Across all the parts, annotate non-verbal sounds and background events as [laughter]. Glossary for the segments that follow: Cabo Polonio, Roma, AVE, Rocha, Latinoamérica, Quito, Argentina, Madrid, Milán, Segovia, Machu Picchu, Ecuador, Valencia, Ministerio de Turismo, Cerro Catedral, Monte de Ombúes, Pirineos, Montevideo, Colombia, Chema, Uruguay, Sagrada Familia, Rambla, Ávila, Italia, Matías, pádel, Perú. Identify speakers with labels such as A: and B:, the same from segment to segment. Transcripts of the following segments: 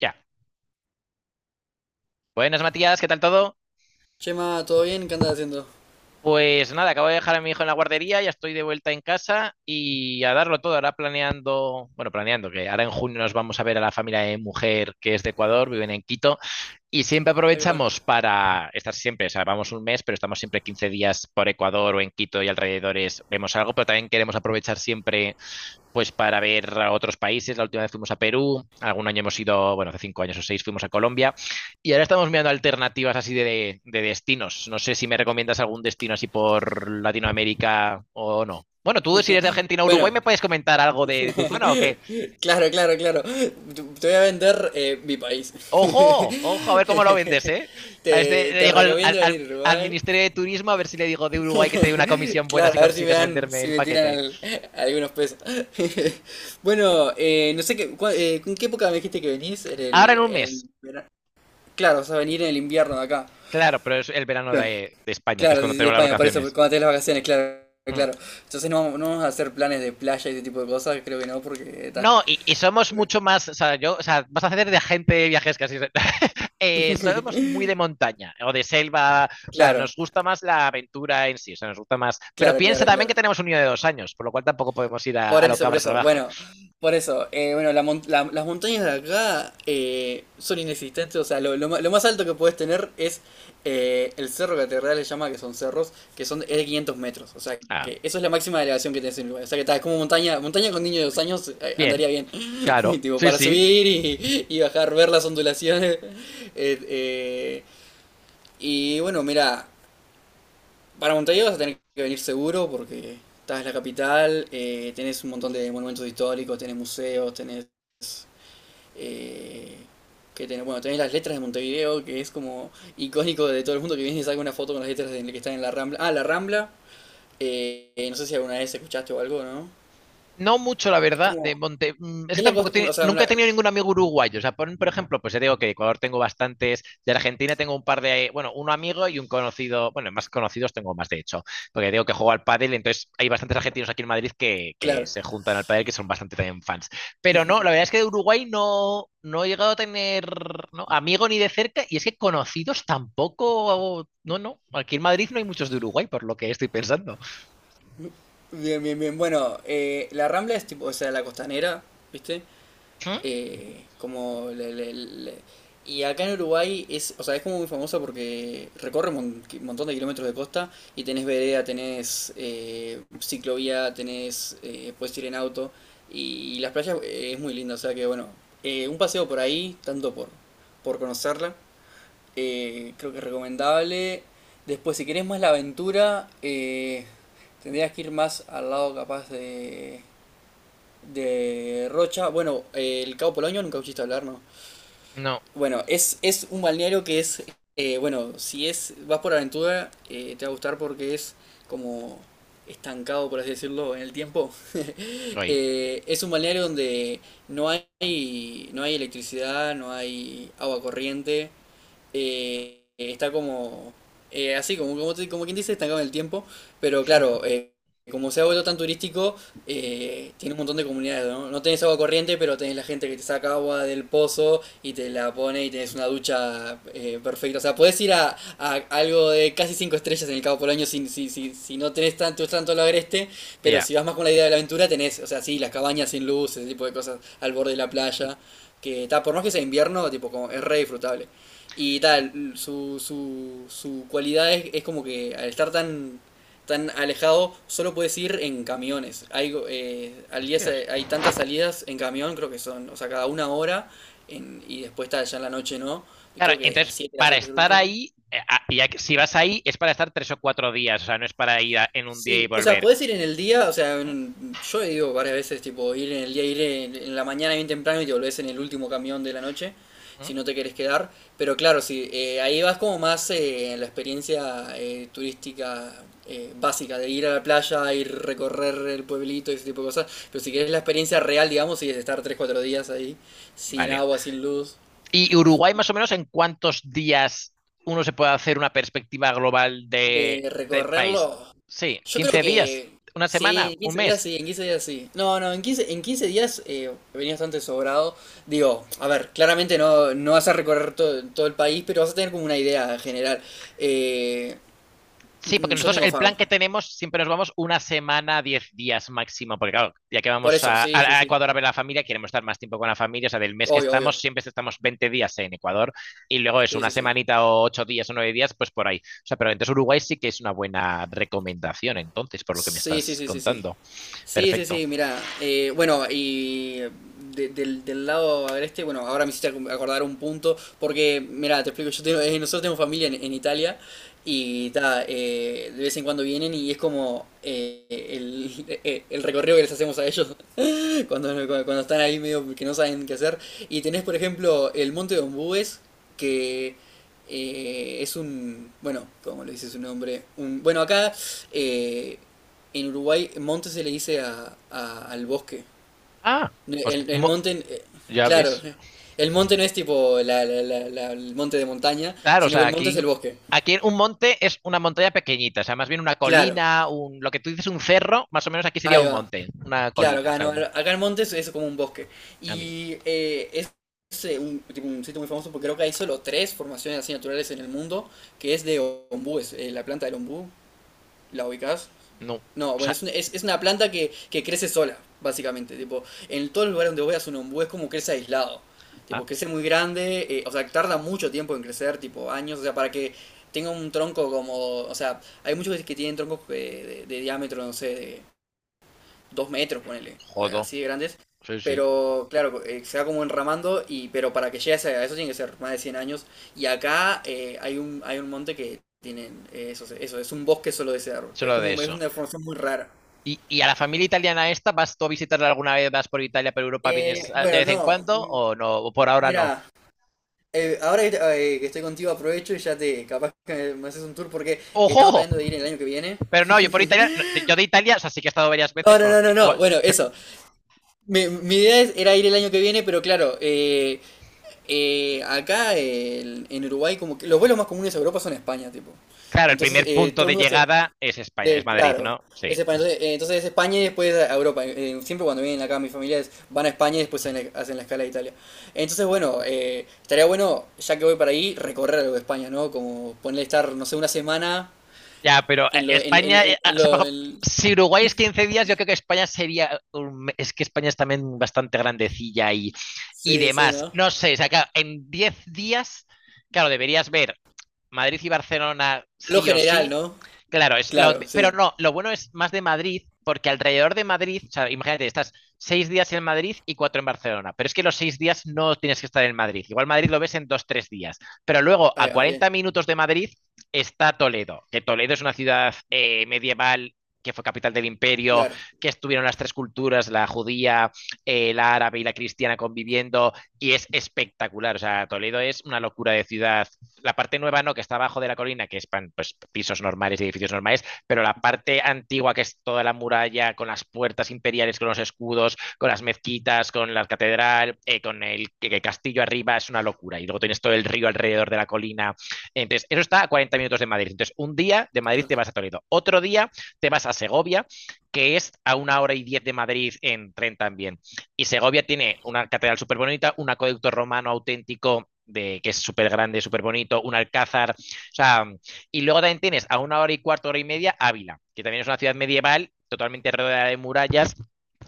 A: Ya. Buenas, Matías, ¿qué tal todo?
B: Chema, ¿todo bien? ¿Qué andas haciendo?
A: Pues nada, acabo de dejar a mi hijo en la guardería, ya estoy de vuelta en casa y a darlo todo. Ahora planeando que ahora en junio nos vamos a ver a la familia de mi mujer que es de Ecuador, viven en Quito y siempre
B: Ah, qué bueno.
A: aprovechamos para estar siempre, o sea, vamos un mes, pero estamos siempre 15 días por Ecuador o en Quito y alrededores, vemos algo, pero también queremos aprovechar siempre pues para ver a otros países. La última vez fuimos a Perú, algún año hemos ido, bueno, hace 5 años o seis fuimos a Colombia y ahora estamos mirando alternativas así de destinos. No sé si me recomiendas algún destino así por Latinoamérica o no. Bueno, tú si eres de Argentina o
B: Bueno,
A: Uruguay, ¿me puedes comentar algo de tu zona o qué?
B: claro, claro, claro. Te voy a vender mi país. [laughs]
A: ¡Ojo! ¡Ojo! A ver cómo lo vendes, ¿eh? A este
B: Te,
A: le
B: te
A: digo al, al-
B: recomiendo
A: al-
B: venir a
A: al
B: Uruguay.
A: Ministerio de Turismo, a ver si le digo de Uruguay que te dé una
B: [laughs]
A: comisión buena si
B: Claro, a ver si me
A: consigues
B: dan,
A: venderme
B: si
A: el
B: me tiran
A: paquete.
B: algunos pesos. [laughs] Bueno, no sé qué, ¿en qué época me dijiste que venís? En
A: Ahora
B: el,
A: en un
B: en el
A: mes.
B: verano. Claro, o sea, venir en el invierno de acá.
A: Claro, pero es el verano
B: Claro.
A: de España, que es
B: Claro,
A: cuando
B: sí, sí, de
A: tenemos las
B: España, por eso,
A: vacaciones.
B: cuando tenés las vacaciones, claro,
A: Hmm.
B: claro. Entonces no, no vamos a hacer planes de playa y ese tipo de cosas, creo que no, porque está.
A: No, y somos mucho más, o sea, yo, o sea, vas a hacer de agente de viajes casi. [laughs] Somos muy de montaña o de selva, o sea,
B: Claro,
A: nos gusta más la aventura en sí, o sea, nos gusta más. Pero
B: claro,
A: piensa
B: claro,
A: también
B: claro.
A: que tenemos un niño de 2 años, por lo cual tampoco podemos ir a,
B: Por
A: a lo
B: eso, por
A: cabra
B: eso.
A: salvaje.
B: Bueno, por eso. Bueno, las montañas de acá son inexistentes. O sea, lo más alto que puedes tener es el Cerro Catedral, le llama que son cerros, que son es de 500 metros. O sea,
A: Ah,
B: que eso es la máxima elevación que tenés en Uruguay. O sea, que tal, es como montaña. Montaña con niños de 2 años
A: bien,
B: andaría bien.
A: claro,
B: [laughs] Tipo,
A: sí,
B: para
A: sí.
B: subir y bajar, ver las ondulaciones. [laughs] Eh, eh, y bueno, mira. Para Montevideo vas a tener que venir seguro porque estás en la capital, tenés un montón de monumentos históricos, tenés museos, eh, bueno, tenés las letras de Montevideo, que es como icónico de todo el mundo que viene y saca una foto con las letras de que están en la Rambla. Ah, la Rambla, no sé si alguna vez escuchaste o algo, ¿no?
A: No mucho, la
B: Es
A: verdad,
B: como,
A: es que
B: es la
A: tampoco
B: costa,
A: tiene,
B: o sea,
A: nunca
B: una,
A: he tenido ningún amigo uruguayo. O sea, por ejemplo, pues ya digo que de Ecuador tengo bastantes, de Argentina tengo un par de, bueno, un amigo y un conocido, bueno, más conocidos tengo más de hecho, porque digo que juego al pádel, entonces hay bastantes argentinos aquí en Madrid que
B: claro.
A: se juntan al pádel, que son bastante también fans. Pero no, la verdad es que de Uruguay no he llegado a tener ¿no? amigo ni de cerca, y es que conocidos tampoco, no, no, aquí en Madrid no hay muchos de Uruguay, por lo que estoy pensando.
B: Bien, bien, bien. Bueno, la Rambla es tipo, o sea, la costanera, ¿viste?
A: ¿Mm?
B: Como el- y acá en Uruguay es, o sea, es como muy famosa porque recorre montón de kilómetros de costa y tenés vereda, tenés ciclovía, tenés, puedes ir en auto y, las playas es muy linda, o sea que bueno, un paseo por ahí, tanto por conocerla, creo que es recomendable. Después, si querés más la aventura, tendrías que ir más al lado capaz de Rocha. Bueno, el Cabo Polonio nunca escuchaste hablar, ¿no?
A: No,
B: Bueno, es un balneario que es, bueno, si es vas por aventura, te va a gustar porque es como estancado, por así decirlo, en el tiempo. [laughs]
A: no hay.
B: Es un balneario donde no hay electricidad, no hay agua corriente, está como así, como, como, como quien dice, estancado en el tiempo, pero
A: Ujú.
B: claro, como se ha vuelto tan turístico, tiene un montón de comunidades, ¿no? No tenés agua corriente, pero tenés la gente que te saca agua del pozo y te la pone y tenés una ducha perfecta. O sea, podés ir a algo de casi 5 estrellas en el Cabo Polonio si no tenés tanto, tanto lo agreste, pero
A: Ya.
B: si vas más con la idea de la aventura, tenés, o sea, sí, las cabañas sin luz, ese tipo de cosas al borde de la playa, que está, por más que sea invierno, tipo, como, es re disfrutable. Y tal, su cualidad es como que al estar tan, tan alejado, solo puedes ir en camiones. Hay, al día
A: Hostias.
B: hay tantas salidas en camión, creo que son, o sea, cada una hora, y después está ya en la noche, ¿no? Y
A: Claro,
B: creo que a las
A: entonces,
B: 7 las
A: para
B: 8 es el
A: estar
B: último.
A: ahí, si vas ahí, es para estar 3 o 4 días, o sea, no es para ir en un día y
B: Sí, o sea,
A: volver.
B: podés ir en el día, o sea,
A: Ah,
B: yo he ido varias veces, tipo, ir en el día, ir en la mañana bien temprano y te volvés en el último camión de la noche, si
A: mm,
B: no te querés quedar. Pero claro, sí, ahí vas como más en la experiencia turística básica, de ir a la playa, ir recorrer el pueblito y ese tipo de cosas. Pero si querés la experiencia real, digamos, sí, es estar tres cuatro días ahí, sin
A: vale.
B: agua, sin luz.
A: ¿Y Uruguay, más o menos, en cuántos días uno se puede hacer una perspectiva global de,
B: De
A: del país?
B: recorrerlo.
A: Sí,
B: Yo creo
A: 15 días,
B: que
A: una
B: sí,
A: semana,
B: en
A: un
B: 15 días
A: mes.
B: sí, en 15 días sí. No, no, en quince días venía bastante sobrado. Digo, a ver, claramente no, no vas a recorrer todo, todo el país, pero vas a tener como una idea general. Eh,
A: Sí, porque
B: yo
A: nosotros
B: tengo
A: el
B: fab.
A: plan que tenemos siempre nos vamos una semana, 10 días máximo, porque claro, ya que
B: Por
A: vamos
B: eso,
A: a,
B: sí, sí,
A: a
B: sí.
A: Ecuador a ver a la familia, queremos estar más tiempo con la familia, o sea, del mes que
B: Obvio, obvio.
A: estamos siempre estamos 20 días en Ecuador y luego es
B: Sí,
A: una
B: sí, sí.
A: semanita o 8 días o 9 días, pues por ahí. O sea, pero entonces Uruguay sí que es una buena recomendación, entonces, por lo que me
B: Sí, sí,
A: estás
B: sí, sí, sí.
A: contando.
B: Sí, sí,
A: Perfecto.
B: sí, mira, bueno, y del lado agreste, bueno, ahora me hiciste acordar un punto, porque, mira, te explico, nosotros tenemos familia en Italia y ta, de vez en cuando vienen y es como el, [laughs] el recorrido que les hacemos a ellos cuando están ahí medio que no saben qué hacer. Y tenés, por ejemplo, el Monte de Ombúes, que es un, bueno, como le dice su nombre, un, bueno, acá eh, en Uruguay monte se le dice al bosque.
A: Ah, hostia,
B: El monte,
A: ya ves.
B: claro, el monte no es tipo el monte de montaña,
A: Claro, o
B: sino que
A: sea,
B: el monte
A: aquí,
B: es el bosque.
A: aquí un monte es una montaña pequeñita, o sea, más bien una
B: Claro,
A: colina, lo que tú dices un cerro, más o menos aquí sería
B: ahí
A: un
B: va.
A: monte, una
B: Claro,
A: colina, o
B: acá
A: sea,
B: no, acá en Montes es como un bosque.
A: a mí
B: Y es un, tipo, un sitio muy famoso porque creo que hay solo tres formaciones así naturales en el mundo, que es de ombú, la planta del ombú, ¿la ubicás?
A: no, o
B: No, bueno, es,
A: sea,
B: un- es, es una planta que crece sola, básicamente. Tipo, en todos los lugares donde voy a un ombú es como crece aislado.
A: ah,
B: Tipo, crece muy grande, o sea, tarda mucho tiempo en crecer, tipo años, o sea, para que tenga un tronco como, o sea, hay muchos que tienen troncos de diámetro, no sé, de 2 metros, ponele,
A: jodo,
B: así de grandes.
A: sí, sí,
B: Pero claro, se va como enramando, y, pero para que llegue a eso tiene que ser más de 100 años. Y acá hay un monte que tienen eso, eso, es un bosque solo de cedro. Es
A: solo de
B: como es
A: eso.
B: una formación muy rara.
A: Y a la familia italiana esta, ¿vas tú a visitarla alguna vez? ¿Vas por Italia, por Europa, vienes de
B: Bueno,
A: vez en
B: no,
A: cuando o no? ¿O por ahora no?
B: mira, ahora que, que estoy contigo aprovecho y ya te, capaz que me haces un tour porque estamos
A: ¡Ojo!
B: planeando de ir el año que viene.
A: Pero no, yo por Italia, no, yo de Italia, o sea, sí que he estado varias
B: No,
A: veces,
B: no,
A: bueno,
B: no, no, no, bueno, eso. Mi idea era ir el año que viene, pero claro. Acá en Uruguay, como que los vuelos más comunes a Europa son a España, tipo.
A: claro, el
B: Entonces,
A: primer punto
B: todo el
A: de
B: mundo se.
A: llegada es España, es Madrid,
B: Claro.
A: ¿no? Sí,
B: Es España. Entonces, entonces es España y después a Europa. Siempre cuando vienen acá mis familiares van a España y después hacen la escala de Italia. Entonces, bueno, estaría bueno, ya que voy para ahí, recorrer algo de España, ¿no? Como ponerle estar, no sé, una semana
A: ya, pero
B: en lo. En, en-
A: España,
B: en- en
A: o sea, por
B: lo
A: ejemplo,
B: en-
A: si Uruguay es 15 días, yo creo que España sería, es que España es también bastante grandecilla y
B: sí, sí,
A: demás.
B: ¿no?
A: No sé, o sea, claro, en 10 días, claro, deberías ver Madrid y Barcelona
B: Lo
A: sí o
B: general,
A: sí,
B: ¿no?
A: claro, es
B: Claro,
A: pero
B: sí.
A: no, lo bueno es más de Madrid, porque alrededor de Madrid, o sea, imagínate, estás 6 días en Madrid y cuatro en Barcelona, pero es que los 6 días no tienes que estar en Madrid. Igual Madrid lo ves en dos, tres días, pero luego
B: Ahí
A: a
B: va,
A: 40
B: bien.
A: minutos de Madrid está Toledo, que Toledo es una ciudad medieval que fue capital del imperio,
B: Claro,
A: que estuvieron las tres culturas, la judía, la árabe y la cristiana conviviendo, y es espectacular. O sea, Toledo es una locura de ciudad la parte nueva no, que está abajo de la colina, que es pues, pisos normales y edificios normales, pero la parte antigua, que es toda la muralla, con las puertas imperiales, con los escudos, con las mezquitas, con la catedral, con el castillo arriba, es una locura. Y luego tienes todo el río alrededor de la colina. Entonces, eso está a 40 minutos de Madrid. Entonces, un día de Madrid te
B: cl-
A: vas a Toledo, otro día te vas a Segovia, que es a una hora y diez de Madrid en tren también. Y Segovia tiene una catedral súper bonita, un acueducto romano auténtico que es súper grande, súper bonito, un alcázar. O sea, y luego también tienes a una hora y cuarto, hora y media, Ávila, que también es una ciudad medieval, totalmente rodeada de murallas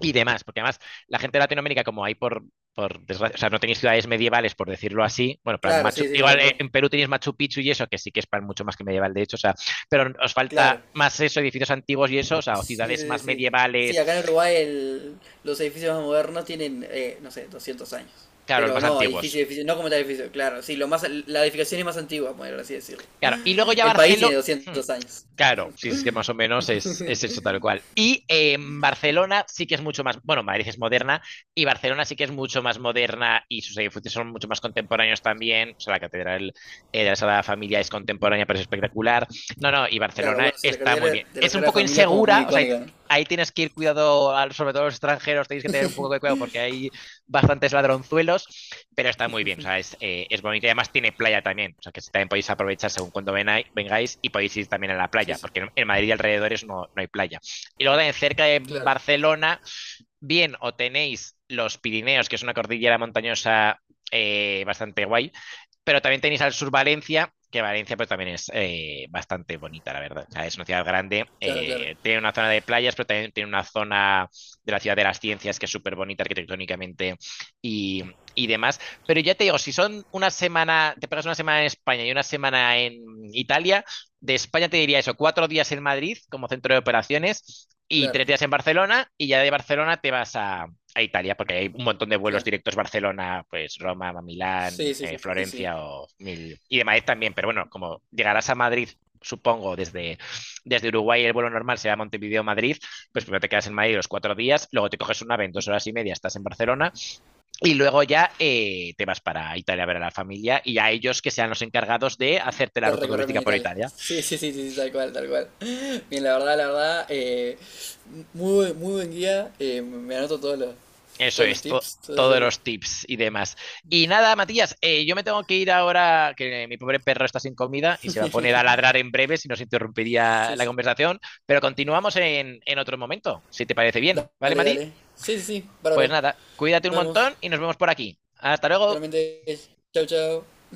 A: y demás. Porque además, la gente de Latinoamérica, como hay por desgracia, o sea, no tenéis ciudades medievales, por decirlo así. Bueno, plan
B: claro,
A: Machu,
B: sí, sí,
A: igual
B: tal cual.
A: en Perú tenéis Machu Picchu y eso, que sí que es para mucho más que medieval, de hecho, o sea, pero os falta
B: Claro.
A: más eso, edificios antiguos y eso, o sea, o
B: Sí, sí,
A: ciudades
B: sí,
A: más
B: sí. Sí, acá
A: medievales,
B: en Uruguay los edificios más modernos tienen, no sé, 200 años.
A: claro, los
B: Pero
A: más
B: no, edificio,
A: antiguos.
B: edificio, no como tal edificio, claro. Sí, lo más, la edificación es más antigua, por así decirlo.
A: Claro, y luego ya
B: El país
A: Barcelona,
B: tiene 200 años.
A: claro, sí, es que más o menos es eso tal cual. Y Barcelona sí que es mucho más, bueno, Madrid es moderna y Barcelona sí que es mucho más moderna y sus edificios son mucho más contemporáneos también. O sea, la Catedral de la Sagrada Familia es contemporánea, pero es espectacular. No, no, y
B: Claro,
A: Barcelona
B: bueno, sí, la
A: está muy
B: cartera
A: bien.
B: de la
A: Es un
B: Sagrada
A: poco
B: Familia es como muy
A: insegura, o sea,
B: icónica, ¿no?
A: ahí tienes que ir cuidado, sobre todo los extranjeros, tenéis que tener un poco de cuidado porque hay bastantes ladronzuelos, pero está muy bien, o sea, es bonito y además tiene playa también, o sea, que también podéis aprovechar según cuando vengáis y podéis ir también a la
B: Sí,
A: playa,
B: sí,
A: porque en Madrid y alrededores no, no, hay playa. Y luego también cerca de
B: claro,
A: Barcelona bien o tenéis los Pirineos, que es una cordillera montañosa bastante guay, pero también tenéis al sur Valencia, que Valencia pues también es bastante bonita, la verdad. O sea, es una ciudad grande,
B: claro, claro,
A: tiene una zona de playas, pero también tiene una zona de la ciudad de las ciencias que es súper bonita arquitectónicamente y, y demás. Pero ya te digo, si son una semana, te pegas una semana en España y una semana en Italia, de España te diría eso, 4 días en Madrid como centro de operaciones y
B: claro,
A: 3 días en Barcelona y ya de Barcelona te vas a Italia, porque hay un montón de vuelos
B: claro.
A: directos Barcelona, pues Roma, Milán,
B: Sí, sí, sí, sí, sí, sí.
A: Florencia o mil... y de Madrid también, pero bueno, como llegarás a Madrid, supongo, desde Uruguay el vuelo normal será Montevideo-Madrid, pues primero te quedas en Madrid los 4 días, luego te coges una ave en 2 horas y media, estás en Barcelona y luego ya te vas para Italia a ver a la familia y a ellos que sean los encargados de hacerte la
B: De
A: ruta
B: recorrerme
A: turística
B: en
A: por
B: Italia.
A: Italia.
B: Sí, sí, sí, sí, sí, tal cual, tal cual. Bien, la verdad, muy, muy buen guía. Me anoto
A: Eso
B: todos los
A: es,
B: tips, todos
A: todos
B: los,
A: los tips y demás. Y nada, Matías, yo me tengo que ir ahora, que mi pobre perro está sin comida y se va a poner a
B: [laughs]
A: ladrar en breve si nos interrumpiría
B: Sí,
A: la
B: sí.
A: conversación, pero continuamos en otro momento, si te parece bien, ¿vale,
B: Dale,
A: Mati?
B: dale. Sí, sí, sí,
A: Pues
B: bárbaro.
A: nada, cuídate un
B: Nos vemos.
A: montón y nos vemos por aquí. Hasta luego.
B: Realmente, chao, chao.